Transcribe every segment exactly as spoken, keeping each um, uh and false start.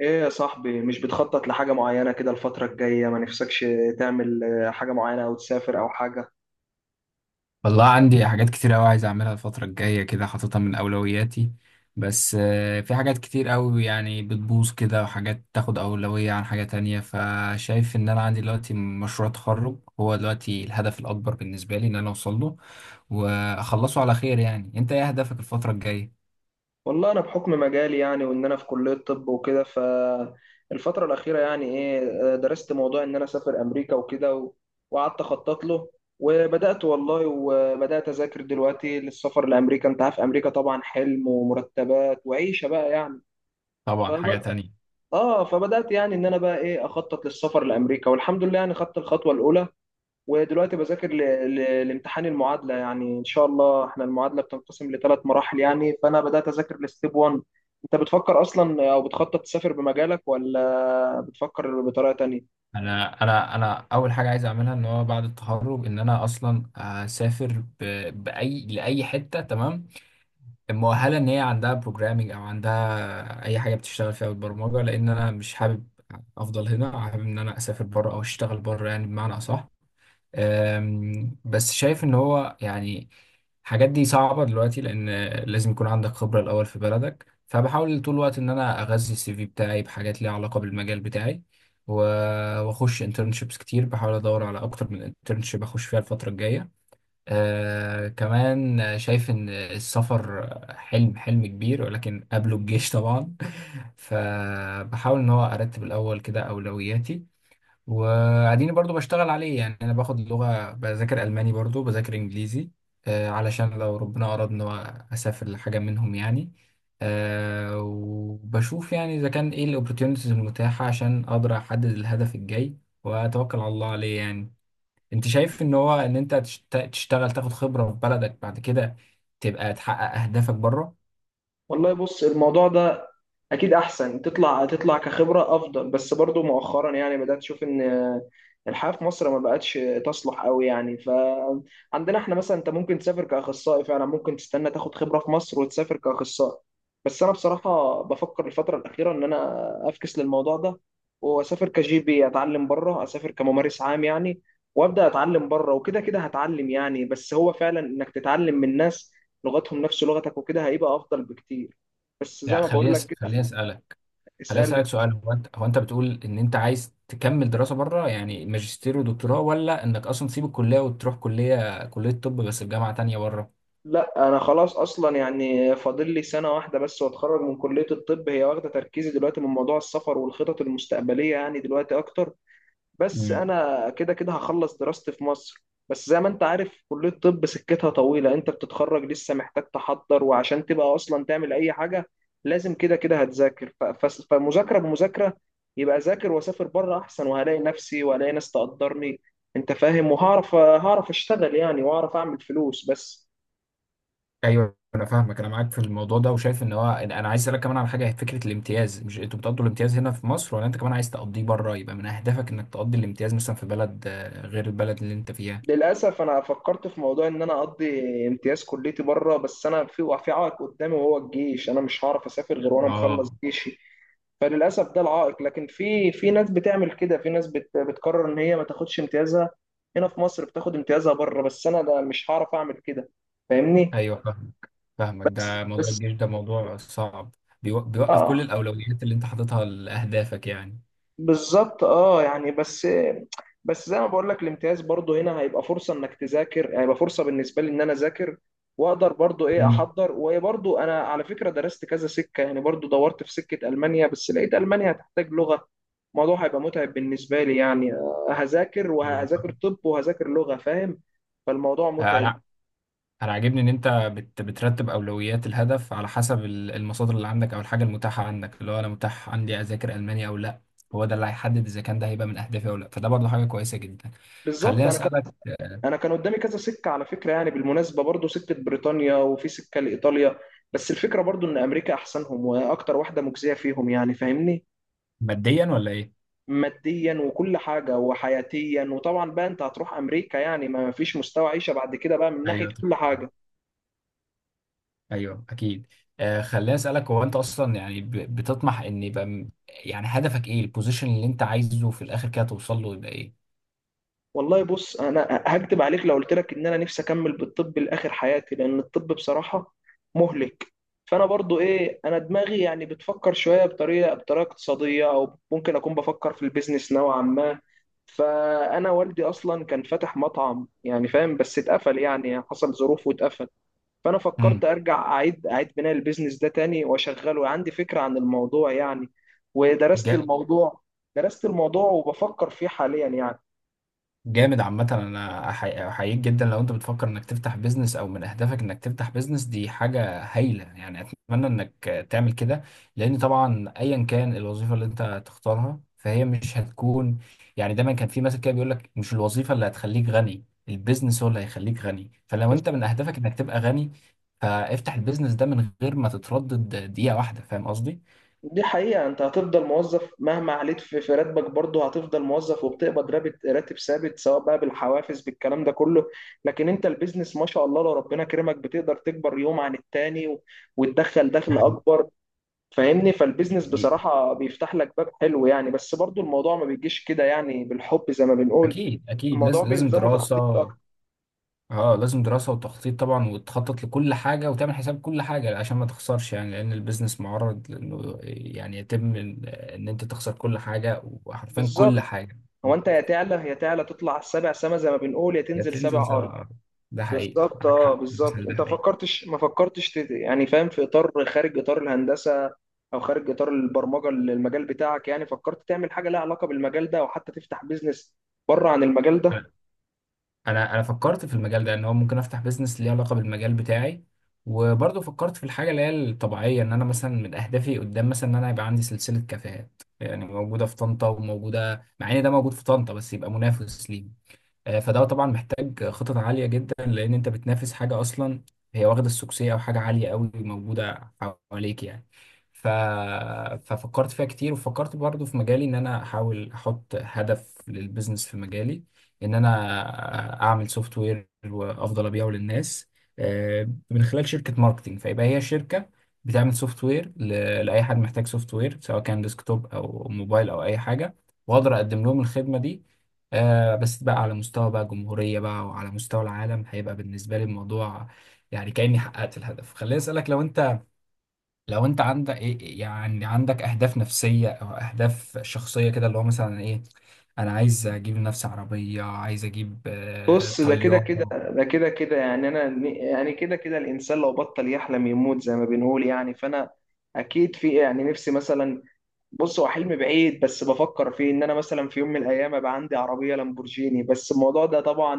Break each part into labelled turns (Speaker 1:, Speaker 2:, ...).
Speaker 1: ايه يا صاحبي، مش بتخطط لحاجة معينة كده الفترة الجاية؟ ما نفسكش تعمل آه، حاجة معينة او تسافر او حاجة؟
Speaker 2: والله عندي حاجات كتير أوي عايز أعملها الفترة الجاية كده حاططها من أولوياتي. بس آه، في حاجات كتير أوي يعني بتبوظ كده، وحاجات تاخد أولوية عن حاجة تانية. فشايف إن أنا عندي دلوقتي مشروع تخرج، هو دلوقتي الهدف الأكبر بالنسبة لي إن أنا أوصل له وأخلصه على خير. يعني أنت إيه هدفك الفترة الجاية؟
Speaker 1: والله انا بحكم مجالي، يعني وان انا في كلية طب وكده، فالفترة الأخيرة يعني ايه، آه، درست موضوع ان انا اسافر امريكا وكده و- وقعدت اخطط له. وبدأت والله وبدأت اذاكر دلوقتي للسفر لامريكا. انت عارف امريكا طبعا حلم ومرتبات وعيشة بقى يعني.
Speaker 2: طبعا حاجة
Speaker 1: فبد...
Speaker 2: تانية.
Speaker 1: اه فبدأت يعني ان انا بقى ايه اخطط للسفر لامريكا، والحمد لله يعني خدت الخطوة الاولى، ودلوقتي بذاكر ل- ل- لامتحان المعادلة، يعني إن شاء الله إحنا المعادلة بتنقسم لثلاث مراحل، يعني فأنا بدأت أذاكر لستيب واحد. أنت بتفكر أصلا أو بتخطط تسافر بمجالك ولا بتفكر بطريقة تانية؟
Speaker 2: أنا أنا أنا أول حاجة عايز أعملها إن هو بعد التخرج إن أنا أصلا أسافر ب- بأي لأي حتة، تمام، مؤهله ان هي عندها بروجرامنج او عندها اي حاجه بتشتغل فيها بالبرمجه. لان انا مش حابب افضل هنا، حابب ان انا اسافر بره او اشتغل بره يعني بمعنى اصح. أم، بس شايف ان هو يعني الحاجات دي صعبه دلوقتي، لان لازم يكون عندك خبره الاول في بلدك. فبحاول طول الوقت ان انا اغذي السي في بتاعي بحاجات ليها علاقه بالمجال بتاعي، و- واخش انترنشيبس كتير، بحاول ادور على اكتر من انترنشيب اخش فيها الفتره الجايه. آه كمان شايف إن السفر حلم حلم كبير، ولكن قبله الجيش طبعا. فبحاول إن هو أرتب الأول كده أولوياتي، وقاعدين برضو بشتغل عليه. يعني أنا باخد لغة، بذاكر ألماني برضو، بذاكر إنجليزي آه علشان لو ربنا أراد إن هو أسافر لحاجة منهم يعني. آه وبشوف يعني إذا كان إيه الأوبورتيونيتيز المتاحة عشان أقدر أحدد الهدف الجاي وأتوكل على الله عليه يعني. انت شايف ان هو ان انت تشت- تشتغل تاخد خبرة في بلدك، بعد كده تبقى تحقق اهدافك بره؟
Speaker 1: والله بص الموضوع ده، اكيد احسن تطلع تطلع كخبره افضل، بس برضو مؤخرا يعني بدات اشوف ان الحياه في مصر ما بقتش تصلح قوي، يعني فعندنا احنا مثلا انت ممكن تسافر كاخصائي، فعلا ممكن تستنى تاخد خبره في مصر وتسافر كاخصائي. بس انا بصراحه بفكر الفتره الاخيره ان انا افكس للموضوع ده واسافر كجي بي، اتعلم بره، اسافر كممارس عام يعني، وابدا اتعلم بره، وكده كده هتعلم يعني. بس هو فعلا انك تتعلم من ناس لغتهم نفس لغتك وكده هيبقى افضل بكتير، بس زي
Speaker 2: لا،
Speaker 1: ما بقول
Speaker 2: خليني
Speaker 1: لك
Speaker 2: أس-
Speaker 1: كده.
Speaker 2: خليني اسالك خليني
Speaker 1: اسألني.
Speaker 2: اسالك سؤال. هو انت هو انت بتقول ان انت عايز تكمل دراسة بره يعني ماجستير ودكتوراه، ولا انك اصلا تسيب الكلية وتروح كلية كلية طب بس في جامعة تانية بره؟
Speaker 1: لا، انا خلاص اصلا، يعني فاضل لي سنة واحدة بس واتخرج من كلية الطب، هي واخدة تركيزي دلوقتي من موضوع السفر والخطط المستقبلية، يعني دلوقتي اكتر. بس
Speaker 2: مم.
Speaker 1: انا كده كده هخلص دراستي في مصر، بس زي ما انت عارف كلية الطب سكتها طويلة، انت بتتخرج لسه محتاج تحضر، وعشان تبقى اصلا تعمل اي حاجة لازم كده كده هتذاكر، ف- ف- فمذاكرة بمذاكرة، يبقى ذاكر واسافر بره احسن، وهلاقي نفسي وهلاقي ناس تقدرني، انت فاهم، وهعرف هعرف اشتغل يعني، واعرف اعمل فلوس بس.
Speaker 2: ايوه انا فاهمك، انا معاك في الموضوع ده. وشايف ان هو انا عايز اسالك كمان على حاجه، هي فكره الامتياز. مش انتوا بتقضوا الامتياز هنا في مصر، ولا انت كمان عايز تقضيه بره؟ يبقى من اهدافك انك تقضي الامتياز مثلا في بلد آه، غير البلد اللي انت فيها.
Speaker 1: للاسف انا فكرت في موضوع ان انا اقضي امتياز كليتي بره، بس انا في في عائق قدامي وهو الجيش، انا مش هعرف اسافر غير وانا مخلص
Speaker 2: اه.
Speaker 1: جيشي. فللاسف ده العائق، لكن في في ناس بتعمل كده، في ناس بت بتقرر ان هي ما تاخدش امتيازها هنا في مصر، بتاخد امتيازها بره، بس انا ده مش هعرف اعمل كده، فاهمني؟
Speaker 2: ايوه فاهم، فاهمك.
Speaker 1: بس
Speaker 2: ده موضوع
Speaker 1: بس،
Speaker 2: الجيش ده موضوع صعب، بيو- بيوقف كل
Speaker 1: اه
Speaker 2: الاولويات اللي انت حاططها لاهدافك يعني.
Speaker 1: بالظبط، اه يعني بس. بس زي ما بقول لك، الامتياز برضو هنا هيبقى فرصه انك تذاكر، يعني هيبقى فرصه بالنسبه لي ان انا اذاكر، واقدر برضو ايه
Speaker 2: مم.
Speaker 1: احضر، وبرضو انا على فكره درست كذا سكه يعني، برضو دورت في سكه المانيا بس لقيت المانيا هتحتاج لغه، الموضوع هيبقى متعب بالنسبه لي يعني، آه، هذاكر
Speaker 2: أيوة
Speaker 1: وهذاكر
Speaker 2: فاهم.
Speaker 1: طب وهذاكر لغه، فاهم؟ فالموضوع متعب.
Speaker 2: انا انا عاجبني ان انت بت بترتب اولويات الهدف على حسب ال- المصادر اللي عندك او الحاجه المتاحه عندك، اللي هو انا متاح عندي اذاكر الماني او لا. هو ده اللي هيحدد اذا كان ده هيبقى من اهدافي او لا. فده برضه حاجه كويسه جدا.
Speaker 1: بالظبط.
Speaker 2: خليني
Speaker 1: انا
Speaker 2: اسالك آه،
Speaker 1: انا كان قدامي كذا سكه على فكره يعني، بالمناسبه برضو سكه بريطانيا وفي سكه لايطاليا، بس الفكره برضو ان امريكا احسنهم واكتر واحده مجزيه فيهم يعني، فاهمني؟
Speaker 2: ماديا ولا ايه؟
Speaker 1: ماديا وكل حاجه وحياتيا، وطبعا بقى انت هتروح امريكا يعني ما فيش مستوى عيشه بعد كده بقى، من ناحيه
Speaker 2: ايوه،
Speaker 1: كل حاجه.
Speaker 2: ايوه، اكيد. آه خليني اسالك، هو انت اصلا يعني ب- بتطمح ان يبقى م- يعني هدفك ايه، البوزيشن اللي انت عايزه في الاخر كده توصل له يبقى ايه؟
Speaker 1: والله بص، انا هكدب عليك لو قلت لك ان انا نفسي اكمل بالطب لاخر حياتي، لان الطب بصراحه مهلك. فانا برضو ايه، انا دماغي يعني بتفكر شويه بطريقه بطريقه اقتصاديه، او ممكن اكون بفكر في البيزنس نوعا ما. فانا والدي اصلا كان فاتح مطعم يعني، فاهم؟ بس اتقفل يعني، حصل ظروف واتقفل. فانا فكرت
Speaker 2: امم
Speaker 1: ارجع اعيد اعيد بناء البيزنس ده تاني واشغله، عندي فكره عن الموضوع يعني، ودرست الموضوع، درست الموضوع وبفكر فيه حاليا يعني.
Speaker 2: جامد عامة. أنا أحي- أحييك جدا لو أنت بتفكر إنك تفتح بيزنس، أو من أهدافك إنك تفتح بيزنس. دي حاجة هايلة يعني، أتمنى إنك تعمل كده. لأن طبعا أيا كان الوظيفة اللي أنت تختارها فهي مش هتكون، يعني دايما كان في مثل كده بيقول لك: مش الوظيفة اللي هتخليك غني، البيزنس هو اللي هيخليك غني. فلو أنت من أهدافك إنك تبقى غني، فافتح البيزنس ده من غير ما تتردد دقيقة واحدة. فاهم قصدي؟
Speaker 1: دي حقيقة، انت هتفضل موظف مهما عليت في في راتبك، برضه هتفضل موظف وبتقبض راتب راتب ثابت، سواء بقى بالحوافز بالكلام ده كله. لكن انت البيزنس ما شاء الله لو ربنا كرمك بتقدر تكبر يوم عن التاني، و- وتدخل
Speaker 2: ده
Speaker 1: دخل
Speaker 2: حقيقي.
Speaker 1: اكبر، فاهمني؟ فالبيزنس بصراحة بيفتح لك باب حلو يعني، بس برضه الموضوع ما بيجيش كده يعني بالحب زي ما بنقول،
Speaker 2: أكيد أكيد،
Speaker 1: الموضوع
Speaker 2: لازم لازم
Speaker 1: بيلزمه تخطيط
Speaker 2: دراسة.
Speaker 1: اكتر.
Speaker 2: اه لازم دراسة وتخطيط طبعا، وتخطط لكل حاجة وتعمل حساب كل حاجة عشان ما تخسرش يعني، لأن البيزنس معرض لأنه يعني يتم إن إن أنت تخسر كل حاجة، وحرفيا كل
Speaker 1: بالظبط.
Speaker 2: حاجة.
Speaker 1: هو انت يا تعلى يا تعلى تطلع السبع سما زي ما بنقول، يا
Speaker 2: يا
Speaker 1: تنزل سبع
Speaker 2: تنزل
Speaker 1: ارض.
Speaker 2: سبعة. ده حقيقي،
Speaker 1: بالظبط
Speaker 2: معاك
Speaker 1: اه،
Speaker 2: حق،
Speaker 1: بالظبط،
Speaker 2: المثال ده
Speaker 1: انت
Speaker 2: حقيقي.
Speaker 1: فكرتش ما فكرتش تت- يعني فاهم، في اطار خارج اطار الهندسه او خارج اطار البرمجه، ال- المجال بتاعك يعني، فكرت تعمل حاجه لها علاقه بالمجال ده او حتى تفتح بيزنس بره عن المجال ده؟
Speaker 2: أنا أنا أنا فكرت في المجال ده إن هو ممكن أفتح بيزنس ليه علاقة بالمجال بتاعي. وبرضه فكرت في الحاجة اللي هي الطبيعية، إن أنا مثلا من أهدافي قدام مثلا إن أنا يبقى عندي سلسلة كافيهات، يعني موجودة في طنطا، وموجودة مع إن ده موجود في طنطا بس يبقى منافس ليه. آه، فده طبعا محتاج خطط عالية جدا، لأن أنت بتنافس حاجة أصلا هي واخدة السوكسية، أو حاجة عالية أوي موجودة حواليك يعني. ف... ففكرت فيها كتير، وفكرت برضو في مجالي إن أنا أحاول أحط هدف للبيزنس في مجالي، إن أنا أعمل سوفت وير وأفضل أبيعه للناس آه، من خلال شركة ماركتينج. فيبقى هي شركة بتعمل سوفت وير ل... لأي حد محتاج سوفت وير، سواء كان ديسكتوب أو موبايل أو أي حاجة، وأقدر أقدم لهم الخدمة دي. آه بس بقى على مستوى بقى جمهورية بقى وعلى مستوى العالم، هيبقى بالنسبة لي الموضوع يعني كأني حققت الهدف. خليني أسألك، لو أنت لو أنت عندك إيه يعني، عندك أهداف نفسية أو أهداف شخصية كده، اللي هو مثلا إيه؟ أنا عايز أجيب لنفسي عربية، عايز أجيب آه
Speaker 1: بص، ده كده كده
Speaker 2: طيارة.
Speaker 1: ده كده كده يعني انا يعني كده كده الانسان لو بطل يحلم يموت زي ما بنقول يعني، فانا اكيد في يعني نفسي مثلا، بص هو حلم بعيد بس بفكر فيه ان انا مثلا في يوم من الايام ابقى عندي عربيه لامبورجيني، بس الموضوع ده طبعا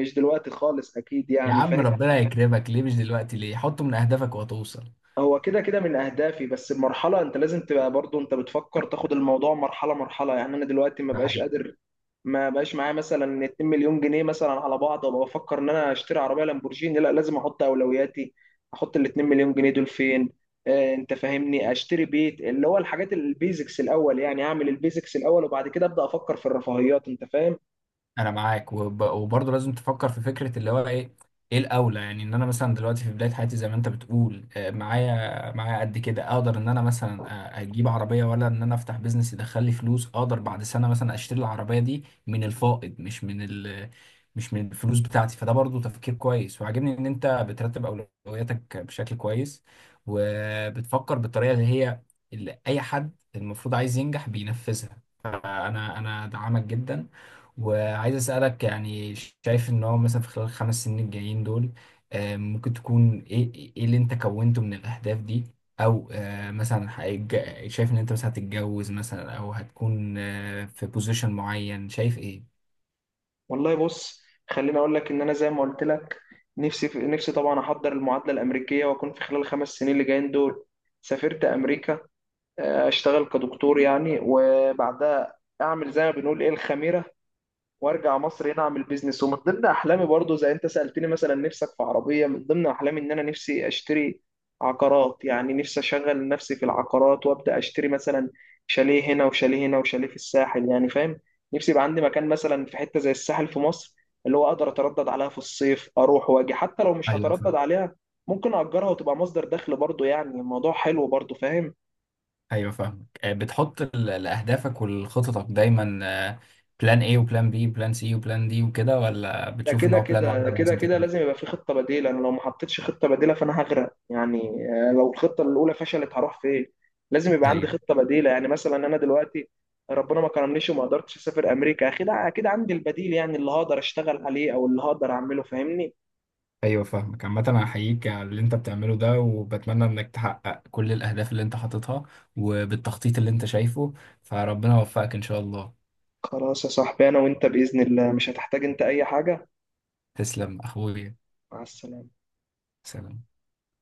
Speaker 1: مش دلوقتي خالص اكيد
Speaker 2: يا
Speaker 1: يعني،
Speaker 2: عم
Speaker 1: فاهم؟
Speaker 2: ربنا يكرمك، ليه مش دلوقتي؟ ليه؟ حطه من أهدافك وهتوصل.
Speaker 1: هو كده كده من اهدافي، بس المرحله انت لازم تبقى برضو انت بتفكر تاخد الموضوع مرحله مرحله يعني، انا دلوقتي ما
Speaker 2: ده
Speaker 1: بقاش
Speaker 2: حقيقي.
Speaker 1: قادر، ما بقاش معايا مثلا اتنين مليون جنيه مثلا على بعض وابقى بفكر ان انا اشتري عربيه لامبورجيني، لا، لازم احط اولوياتي، احط ال اتنين مليون جنيه دول فين؟ آه انت فاهمني، اشتري بيت اللي هو الحاجات البيزكس الاول، يعني اعمل البيزكس الاول وبعد كده ابدا افكر في الرفاهيات، انت فاهم؟
Speaker 2: انا معاك وب... وبرضه لازم تفكر في فكره اللي هو ايه ايه الاولى. يعني ان انا مثلا دلوقتي في بدايه حياتي، زي ما انت بتقول آه، معايا معايا قد كده، اقدر ان انا مثلا آه، اجيب عربيه، ولا ان انا افتح بيزنس يدخل لي فلوس، اقدر بعد سنه مثلا اشتري العربيه دي من الفائض، مش من ال... مش من الفلوس بتاعتي. فده برضه تفكير كويس، وعاجبني ان انت بترتب اولوياتك بشكل كويس، وبتفكر بالطريقه اللي هي اللي اي حد المفروض عايز ينجح بينفذها. فانا انا دعمك جدا. وعايز أسألك يعني، شايف إن هو مثلا في خلال الخمس سنين الجايين دول آه، ممكن تكون إيه إيه اللي أنت كونته من الأهداف دي، أو آه، مثلا هيتج- شايف إن أنت مثلا هتتجوز مثلا، أو هتكون آه، في بوزيشن معين، شايف إيه؟
Speaker 1: والله بص، خليني اقول لك ان انا زي ما قلت لك، نفسي في... نفسي طبعا احضر المعادله الامريكيه، واكون في خلال الخمس سنين اللي جايين دول سافرت امريكا، آه، اشتغل كدكتور يعني، وبعدها اعمل زي ما بنقول ايه الخميره، وارجع مصر هنا اعمل بيزنس، ومن ضمن احلامي برضو زي انت سالتني مثلا نفسك في عربيه، من ضمن احلامي ان انا نفسي اشتري عقارات، يعني نفسي اشغل نفسي في العقارات وابدا اشتري مثلا شاليه هنا وشاليه هنا وشاليه في الساحل يعني، فاهم؟ نفسي يبقى عندي مكان مثلا في حته زي الساحل في مصر، اللي هو اقدر اتردد عليها في الصيف اروح واجي، حتى لو مش
Speaker 2: أيوه
Speaker 1: هتردد
Speaker 2: فاهم.
Speaker 1: عليها ممكن اجرها وتبقى مصدر دخل برضو، يعني الموضوع حلو برضو، فاهم؟
Speaker 2: أيوه فاهمك. آه، بتحط ال- لأهدافك ولخططك دايما بلان إيه وبلان بي وبلان سي وبلان دي وكده، ولا
Speaker 1: ده
Speaker 2: بتشوف إن
Speaker 1: كده
Speaker 2: هو بلان
Speaker 1: كده
Speaker 2: واحدة
Speaker 1: كده
Speaker 2: ولازم
Speaker 1: كده
Speaker 2: تكمل؟
Speaker 1: لازم يبقى في خطة بديلة، أنا لو ما حطيتش خطة بديلة فأنا هغرق يعني، آه، لو الخطة الأولى فشلت هروح فين؟ لازم يبقى عندي
Speaker 2: أيوه،
Speaker 1: خطة بديلة، يعني مثلا أنا دلوقتي ربنا ما كرمنيش وما قدرتش أسافر أمريكا، أكيد أكيد عندي البديل يعني اللي هقدر أشتغل عليه أو اللي هقدر أعمله، فاهمني؟
Speaker 2: ايوه، فاهمك. عامة انا هحييك على اللي انت بتعمله ده، وبتمنى انك تحقق كل الاهداف اللي انت حاططها وبالتخطيط اللي انت شايفه. فربنا يوفقك ان شاء الله.
Speaker 1: خلاص يا صاحبي، أنا وأنت بإذن الله مش هتحتاج أنت أي حاجة.
Speaker 2: تسلم اخويا.
Speaker 1: مع السلامة.
Speaker 2: سلام.